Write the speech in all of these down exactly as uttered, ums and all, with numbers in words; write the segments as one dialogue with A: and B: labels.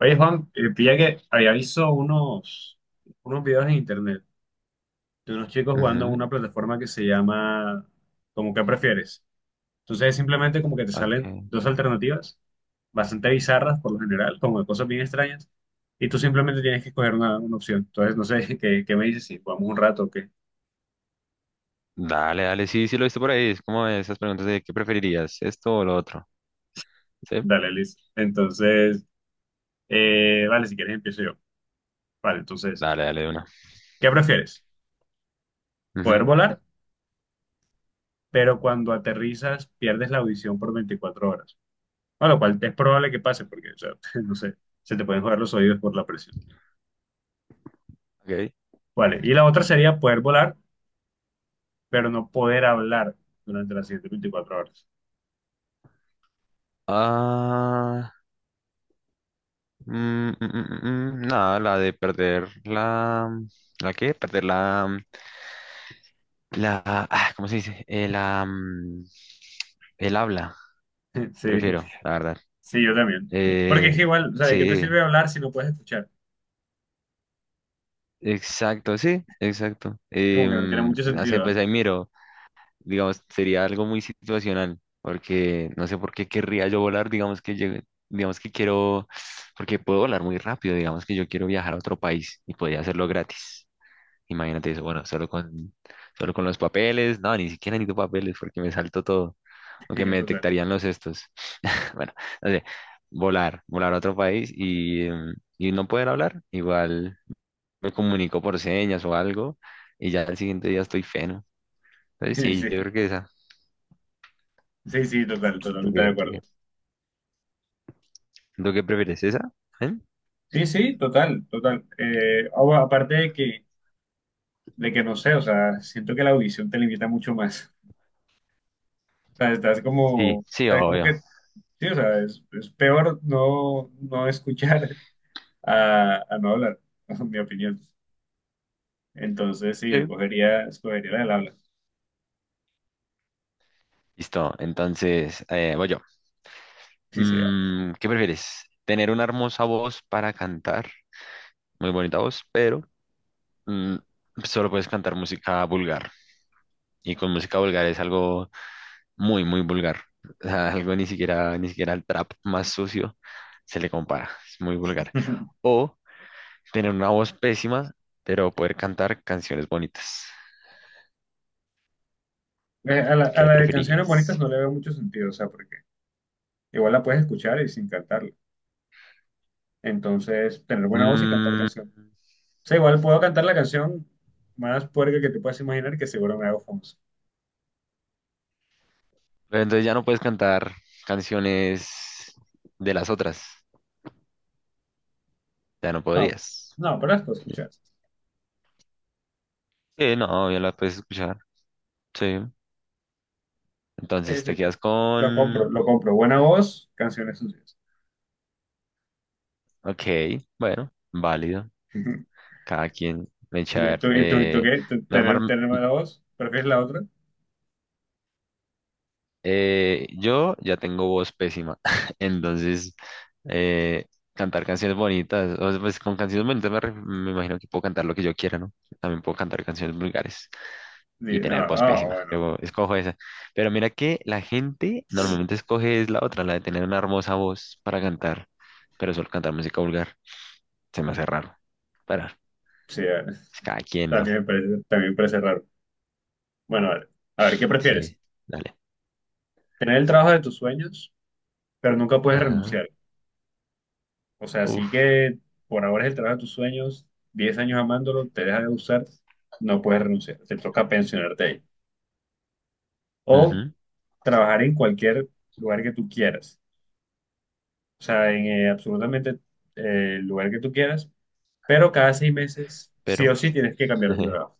A: Oye, Juan, eh, pilla que había visto unos, unos videos en internet de unos chicos jugando en una
B: Ujú,
A: plataforma que se llama ¿como que prefieres? Entonces es simplemente como que te salen
B: ok.
A: dos alternativas bastante bizarras por lo general, como de cosas bien extrañas, y tú simplemente tienes que escoger una, una opción. Entonces, no sé, ¿qué, qué me dices? Si jugamos un rato o qué.
B: Dale, dale, sí, sí lo viste por ahí. Es como esas preguntas de qué preferirías, esto o lo otro. ¿Sí?
A: Dale, listo. Entonces, eh, vale, si quieres empiezo yo. Vale, entonces,
B: Dale, dale, de una.
A: ¿qué prefieres?
B: Ujú,
A: Poder volar, pero cuando aterrizas pierdes la audición por veinticuatro horas. A lo cual es probable que pase, porque, o sea, no sé, se te pueden joder los oídos por la presión.
B: ok.
A: Vale, y la otra sería poder volar, pero no poder hablar durante las siguientes veinticuatro horas.
B: Ah, mm, mm, mm, mm, mm, nada, la de perder la. ¿La qué? Perder la. La. Ah, ¿cómo se dice? Eh, la, mm, el habla,
A: Sí,
B: prefiero, la verdad.
A: sí, yo también. Porque
B: Eh,
A: es que igual, o sea, ¿de qué te
B: sí,
A: sirve hablar si no puedes escuchar?
B: exacto, sí, exacto.
A: Como que no tiene
B: Em,
A: mucho
B: no sé,
A: sentido,
B: pues ahí miro. digamos, sería algo muy situacional, porque no sé por qué querría yo volar, digamos que llegue- digamos que quiero, porque puedo volar muy rápido, digamos que yo quiero viajar a otro país y podría hacerlo gratis. Imagínate eso, bueno, solo con, solo con los papeles, no, ni siquiera necesito papeles porque me salto todo, aunque
A: ¿no?
B: me
A: Total.
B: detectarían los estos. Bueno, no sé, volar, volar a otro país y, em, y no poder hablar, igual me comunico por señas o algo y ya al siguiente día estoy feno. Entonces sí, yo
A: Sí,
B: creo que esa.
A: sí, sí, total,
B: ¿Tú
A: totalmente de
B: qué- tú
A: acuerdo.
B: qué ¿Lo que prefieres? ¿Esa? ¿Eh?
A: Sí, sí, total, total. Eh, ah, bueno, aparte de que, de que no sé, o sea, siento que la audición te limita mucho más. O sea, estás como,
B: Sí,
A: o
B: sí,
A: sea, como
B: obvio.
A: que sí, o sea, es, es peor no, no escuchar a, a no hablar, en mi opinión. Entonces, sí,
B: Sí.
A: escogería, escogería la del habla.
B: Listo, entonces eh, voy yo.
A: Sí, sí, va.
B: Mm, ¿qué prefieres? ¿Tener una hermosa voz para cantar? Muy bonita voz, pero mm, solo puedes cantar música vulgar. Y con música vulgar es algo muy, muy vulgar. O sea, algo ni siquiera, ni siquiera el trap más sucio se le compara. Es muy vulgar. O tener una voz pésima, pero poder cantar canciones bonitas.
A: Eh, A la, a
B: ¿Qué
A: la de canciones
B: preferirías?
A: bonitas no le veo mucho sentido, o sea, porque igual la puedes escuchar y sin cantarla. Entonces, tener buena voz y cantar
B: Mm,
A: canción. O sea, igual puedo cantar la canción más puerca que te puedas imaginar, que seguro me hago famoso.
B: Pero entonces ya no puedes cantar canciones de las otras. Ya no
A: No,
B: podrías.
A: no, pero las puedo escuchar.
B: Sí, no, ya la puedes escuchar. Sí.
A: Eh,
B: Entonces
A: sí,
B: te quedas
A: lo
B: con.
A: compro, lo compro. Buena voz, canciones sucias.
B: Ok, bueno, válido. Cada quien. Ven, a
A: ¿Y
B: ver.
A: tú, y tú, ¿y tú
B: Eh,
A: qué? ¿Tú- ¿Tener,
B: normal.
A: tener mala voz? ¿Prefieres la otra?
B: eh, yo ya tengo voz pésima. Entonces, eh, cantar canciones bonitas. O sea, pues con canciones bonitas me, ref- me imagino que puedo cantar lo que yo quiera, ¿no? También puedo cantar canciones vulgares. Y
A: Y-
B: tener
A: Ah,
B: voz
A: ah,
B: pésima.
A: bueno,
B: Yo escojo esa. Pero mira que la gente normalmente escoge es la otra, la de tener una hermosa voz para cantar, pero solo cantar música vulgar. Se me hace raro. Pero
A: sí, eh,
B: es cada quien, ¿no?
A: también me parece, también me parece raro. Bueno, vale. A ver, ¿qué prefieres?
B: Sí, dale.
A: ¿Tener el trabajo de tus sueños, pero nunca puedes
B: Ajá.
A: renunciar? O sea, sí
B: Uf.
A: que por ahora es el trabajo de tus sueños, diez años amándolo, te deja de usar, no puedes renunciar, te toca pensionarte ahí. O
B: Ujú,
A: trabajar en cualquier lugar que tú quieras, o sea, en eh, absolutamente eh, el lugar que tú quieras, pero cada seis meses sí
B: pero.
A: o sí tienes que cambiar de trabajo.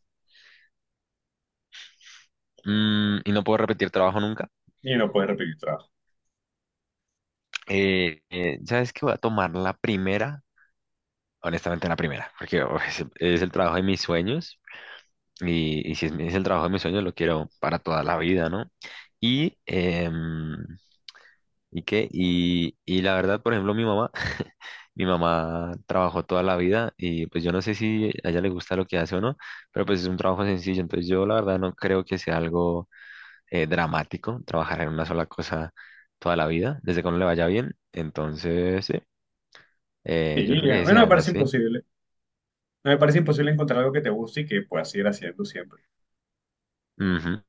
B: mm, y no puedo repetir trabajo nunca.
A: Y no puedes repetir trabajo.
B: Eh, eh, ¿sabes qué? Voy a tomar la primera. Honestamente, la primera, porque uf, es, es el trabajo de mis sueños, Y, y si es, mi- es el trabajo de mis sueños, lo quiero para toda la vida, ¿no? Y, em, ¿y qué? Y, y la verdad, por ejemplo, mi mamá, mi mamá trabajó toda la vida y pues yo no sé si a ella le gusta lo que hace o no, pero pues es un trabajo sencillo, entonces yo la verdad no creo que sea algo eh, dramático trabajar en una sola cosa toda la vida, desde que uno le vaya bien, entonces sí, eh, yo
A: Sí,
B: creo
A: ya.
B: que sí,
A: Bueno, me
B: además
A: parece
B: sí.
A: imposible. No me parece imposible encontrar algo que te guste y que puedas ir haciendo siempre.
B: Ujú,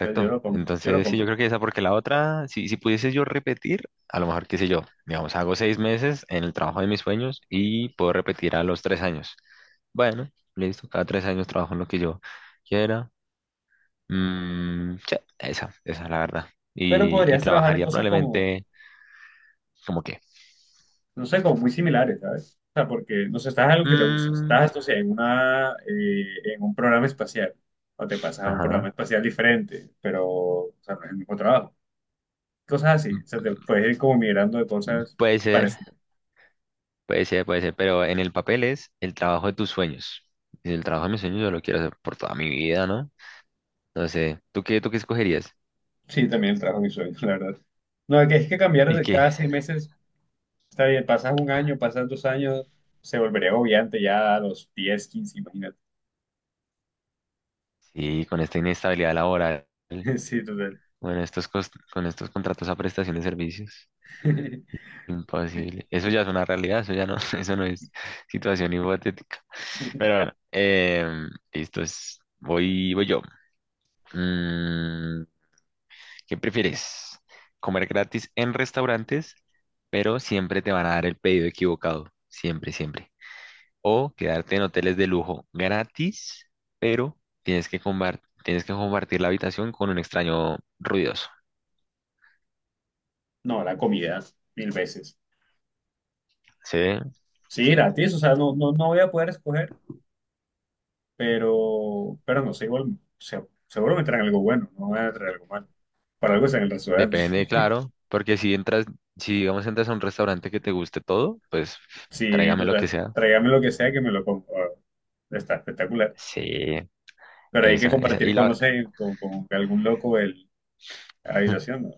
A: Entonces yo lo compro, yo lo
B: Entonces, sí, yo
A: compro.
B: creo que esa, porque la otra, si, si pudiese yo repetir, a lo mejor, qué sé yo, digamos, hago seis meses en el trabajo de mis sueños y puedo repetir a los tres años. Bueno, listo, cada tres años trabajo en lo que yo quiera. Mm, sí, esa, esa es la verdad.
A: Pero
B: Y, y
A: podrías trabajar en
B: trabajaría
A: cosas como,
B: probablemente, como que,
A: no sé, como muy similares, ¿sabes? O sea, porque, no sé, estás en algo que te gusta.
B: mm,
A: Estás, o sea, en una, eh, en un programa espacial. O te pasas a un programa
B: ajá,
A: espacial diferente, pero, o sea, no es el mismo trabajo. Cosas así. O sea, te puedes ir como migrando de cosas
B: puede ser,
A: parecidas.
B: puede ser, puede ser, pero en el papel es el trabajo de tus sueños. Y el trabajo de mis sueños yo lo quiero hacer por toda mi vida, ¿no? No sé, ¿tú qué, tú qué escogerías?
A: Sí, también el trabajo es mi sueño, la verdad. No, que es que cambiar
B: ¿Y
A: de
B: qué?
A: cada seis meses está bien, pasas un año, pasas dos años, se volvería agobiante ya a los diez quince, imagínate.
B: Sí, con esta inestabilidad laboral,
A: Sí, total.
B: bueno, estos cos- con estos contratos a prestación de servicios, imposible. Eso ya es una realidad, eso ya no, eso no es situación hipotética. Pero bueno, em, listo, es- voy, voy yo. Mm, ¿qué prefieres? ¿Comer gratis en restaurantes, pero siempre te van a dar el pedido equivocado? Siempre, siempre. O quedarte en hoteles de lujo gratis, pero tienes que combar- tienes que compartir la habitación con un extraño ruidoso.
A: No, la comida, mil veces.
B: Sí,
A: Sí, gratis, o sea, no, no, no voy a poder escoger, pero, pero no sé, igual, se- seguro me traen algo bueno, no me van a traer algo malo. Para algo es en el restaurante.
B: depende, claro, porque si entras, si digamos entras a un restaurante que te guste todo, pues
A: Sí,
B: tráigame lo que
A: total.
B: sea.
A: Tráigame lo que sea que me lo como. Ah, está espectacular.
B: Sí,
A: Pero hay que
B: esa, esa. Y
A: compartir con,
B: la,
A: no sé, con, con algún loco el, la habitación, ¿no?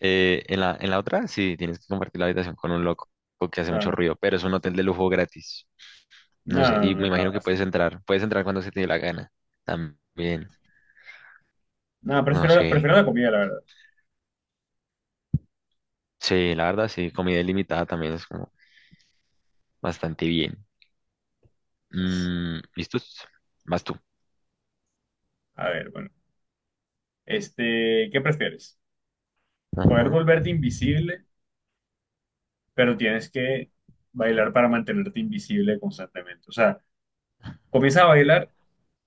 B: eh, en la, en la otra, sí, tienes que compartir la habitación con un loco que hace mucho
A: No,
B: ruido, pero es un hotel de lujo gratis. No
A: no,
B: sé,
A: no,
B: y me
A: no, no, no.
B: imagino que
A: No.
B: puedes entrar, puedes entrar cuando se te dé la gana. También,
A: No,
B: no
A: prefiero,
B: sé.
A: prefiero la comida, la verdad.
B: Sí, la verdad, sí, comida ilimitada también es como bastante bien. Mm, ¿listos? Vas tú.
A: A ver, bueno, este, ¿qué prefieres? Poder
B: Ajá.
A: volverte invisible, pero tienes que bailar para mantenerte invisible constantemente. O sea, comienzas a bailar,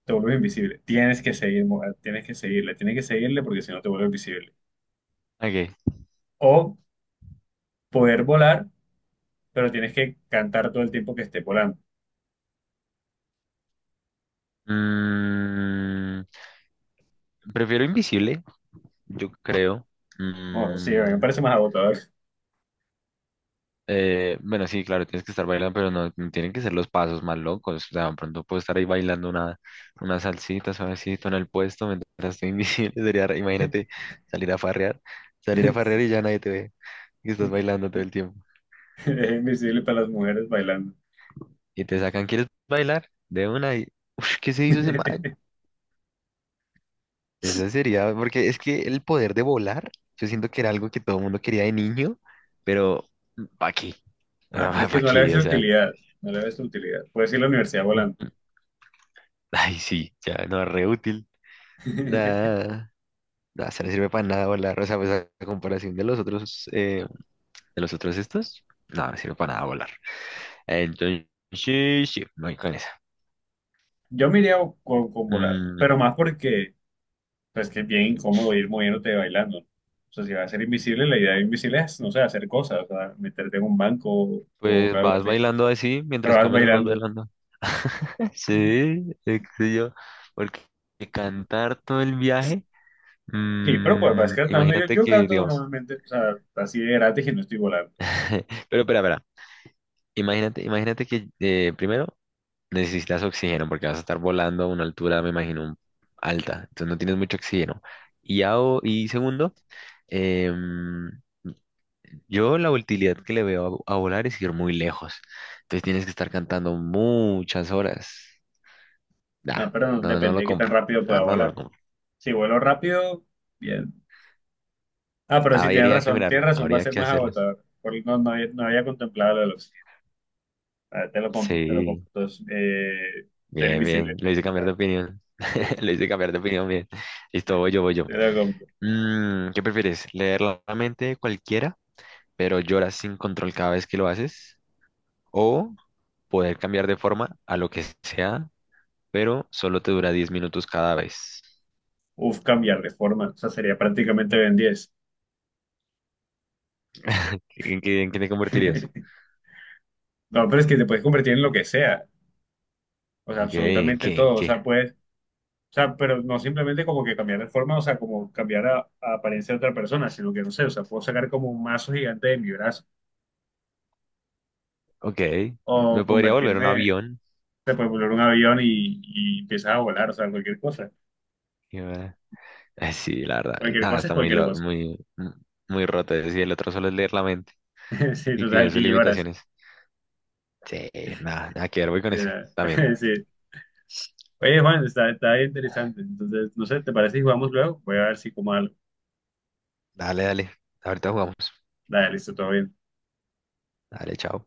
A: te vuelves invisible. Tienes que seguir, mo- tienes que seguirle, tienes que seguirle porque si no te vuelves invisible.
B: Ok.
A: O poder volar, pero tienes que cantar todo el tiempo que esté volando.
B: Mm, prefiero invisible, yo creo.
A: Oh, sí, a mí me
B: Mm,
A: parece más agotador.
B: eh, bueno, sí, claro, tienes que estar bailando, pero no, no tienen que ser los pasos más locos. O sea, de pronto puedo estar ahí bailando una, una salsita suavecito en el puesto mientras estoy invisible. Sería, re- imagínate salir a farrear, salir a farrear y ya nadie te ve y estás bailando todo el tiempo.
A: Es invisible para las mujeres bailando.
B: Y te sacan, ¿quieres bailar? De una y, "Ush, ¿qué se hizo ese man? Esa sería, porque es que el poder de volar, yo siento que era algo que todo el mundo quería de niño, pero ¿para qué? O
A: Ah,
B: sea,
A: pero es que
B: ¿para
A: no le ves
B: qué? O
A: la
B: sea,
A: utilidad, no le ves la utilidad. Puedes ir a la universidad
B: mm,
A: volando.
B: ay, sí, ya no es re útil. Nada, nada, se no sirve para nada volar. O sea, pues a a comparación de los otros, eh, de los otros estos, no, no sirve para nada volar. Entonces, sí, sí, me voy con esa.
A: Yo me iría con, con volar,
B: Mm,
A: pero más porque pues que es bien incómodo ir moviéndote y bailando. O sea, si vas a ser invisible, la idea de invisible es, no sé, hacer cosas, o sea, meterte en un banco o, o
B: pues
A: algo
B: vas
A: así,
B: bailando así,
A: pero
B: mientras
A: vas
B: caminas vas
A: bailando.
B: bailando. Sí, es que yo, porque cantar todo el viaje,
A: Sí, pero pues vas
B: mm,
A: cantando. Yo,
B: imagínate
A: yo
B: que,
A: canto
B: digamos,
A: normalmente, o sea, así de gratis y no estoy volando.
B: pero espera, espera, imagínate, imagínate que eh, primero necesitas oxígeno porque vas a estar volando a una altura, me imagino, un- alta, entonces no tienes mucho oxígeno. Y, a- y segundo, em, yo la utilidad que le veo a, a volar es ir muy lejos, entonces tienes que estar cantando muchas horas. Nah,
A: Ah, pero no,
B: no, no
A: depende
B: lo
A: de qué tan
B: compro,
A: rápido
B: la
A: pueda
B: verdad no lo
A: volar.
B: compro.
A: Si vuelo rápido, bien. Ah, pero sí, tienes
B: Habría que
A: razón, tienes
B: mirarlo,
A: razón, va a
B: habría
A: ser
B: que
A: más
B: hacerlo.
A: agotador. Porque no, no, había, no había contemplado lo del oxígeno. Vale, te lo compro, te lo compro.
B: Sí,
A: Entonces, eh, ser
B: bien,
A: invisible.
B: bien. Lo hice cambiar de
A: Vale,
B: opinión.
A: sí,
B: Lo hice cambiar de opinión, bien. Listo, voy yo, voy yo.
A: te lo compro.
B: Mm, ¿qué prefieres? ¿Leer la mente de cualquiera, pero lloras sin control cada vez que lo haces? ¿O poder cambiar de forma a lo que sea, pero solo te dura diez minutos cada vez?
A: Uf, cambiar de forma. O sea, sería prácticamente Ben diez.
B: ¿En qué, en qué te convertirías?
A: No, pero es que te puedes convertir en lo que sea. O sea,
B: Ok, ¿en
A: absolutamente
B: qué? ¿En
A: todo. O
B: qué?
A: sea, puedes. O sea, pero no simplemente como que cambiar de forma, o sea, como cambiar a, a apariencia de otra persona, sino que no sé, o sea, puedo sacar como un mazo gigante de mi brazo
B: Ok,
A: o
B: me podría volver un
A: convertirme,
B: avión.
A: te puedes volar un avión y, y empiezas a volar, o sea, cualquier cosa.
B: Eh, Sí, la verdad. eh,
A: Cualquier
B: Nada,
A: cosa es
B: está muy,
A: cualquier
B: lo-
A: cosa.
B: muy, mm, muy roto. Es decir, el otro solo es leer la mente
A: Sí,
B: y tiene
A: total,
B: sus
A: y lloras.
B: limitaciones. Sí, nada, nada que ver, voy con
A: Sí.
B: ese también.
A: Sí. Oye, Juan, está, está bien interesante. Entonces, no sé, ¿te parece si jugamos luego? Voy a ver si como algo.
B: Dale, dale. Ahorita jugamos.
A: Dale, listo, todo bien.
B: Dale, chao.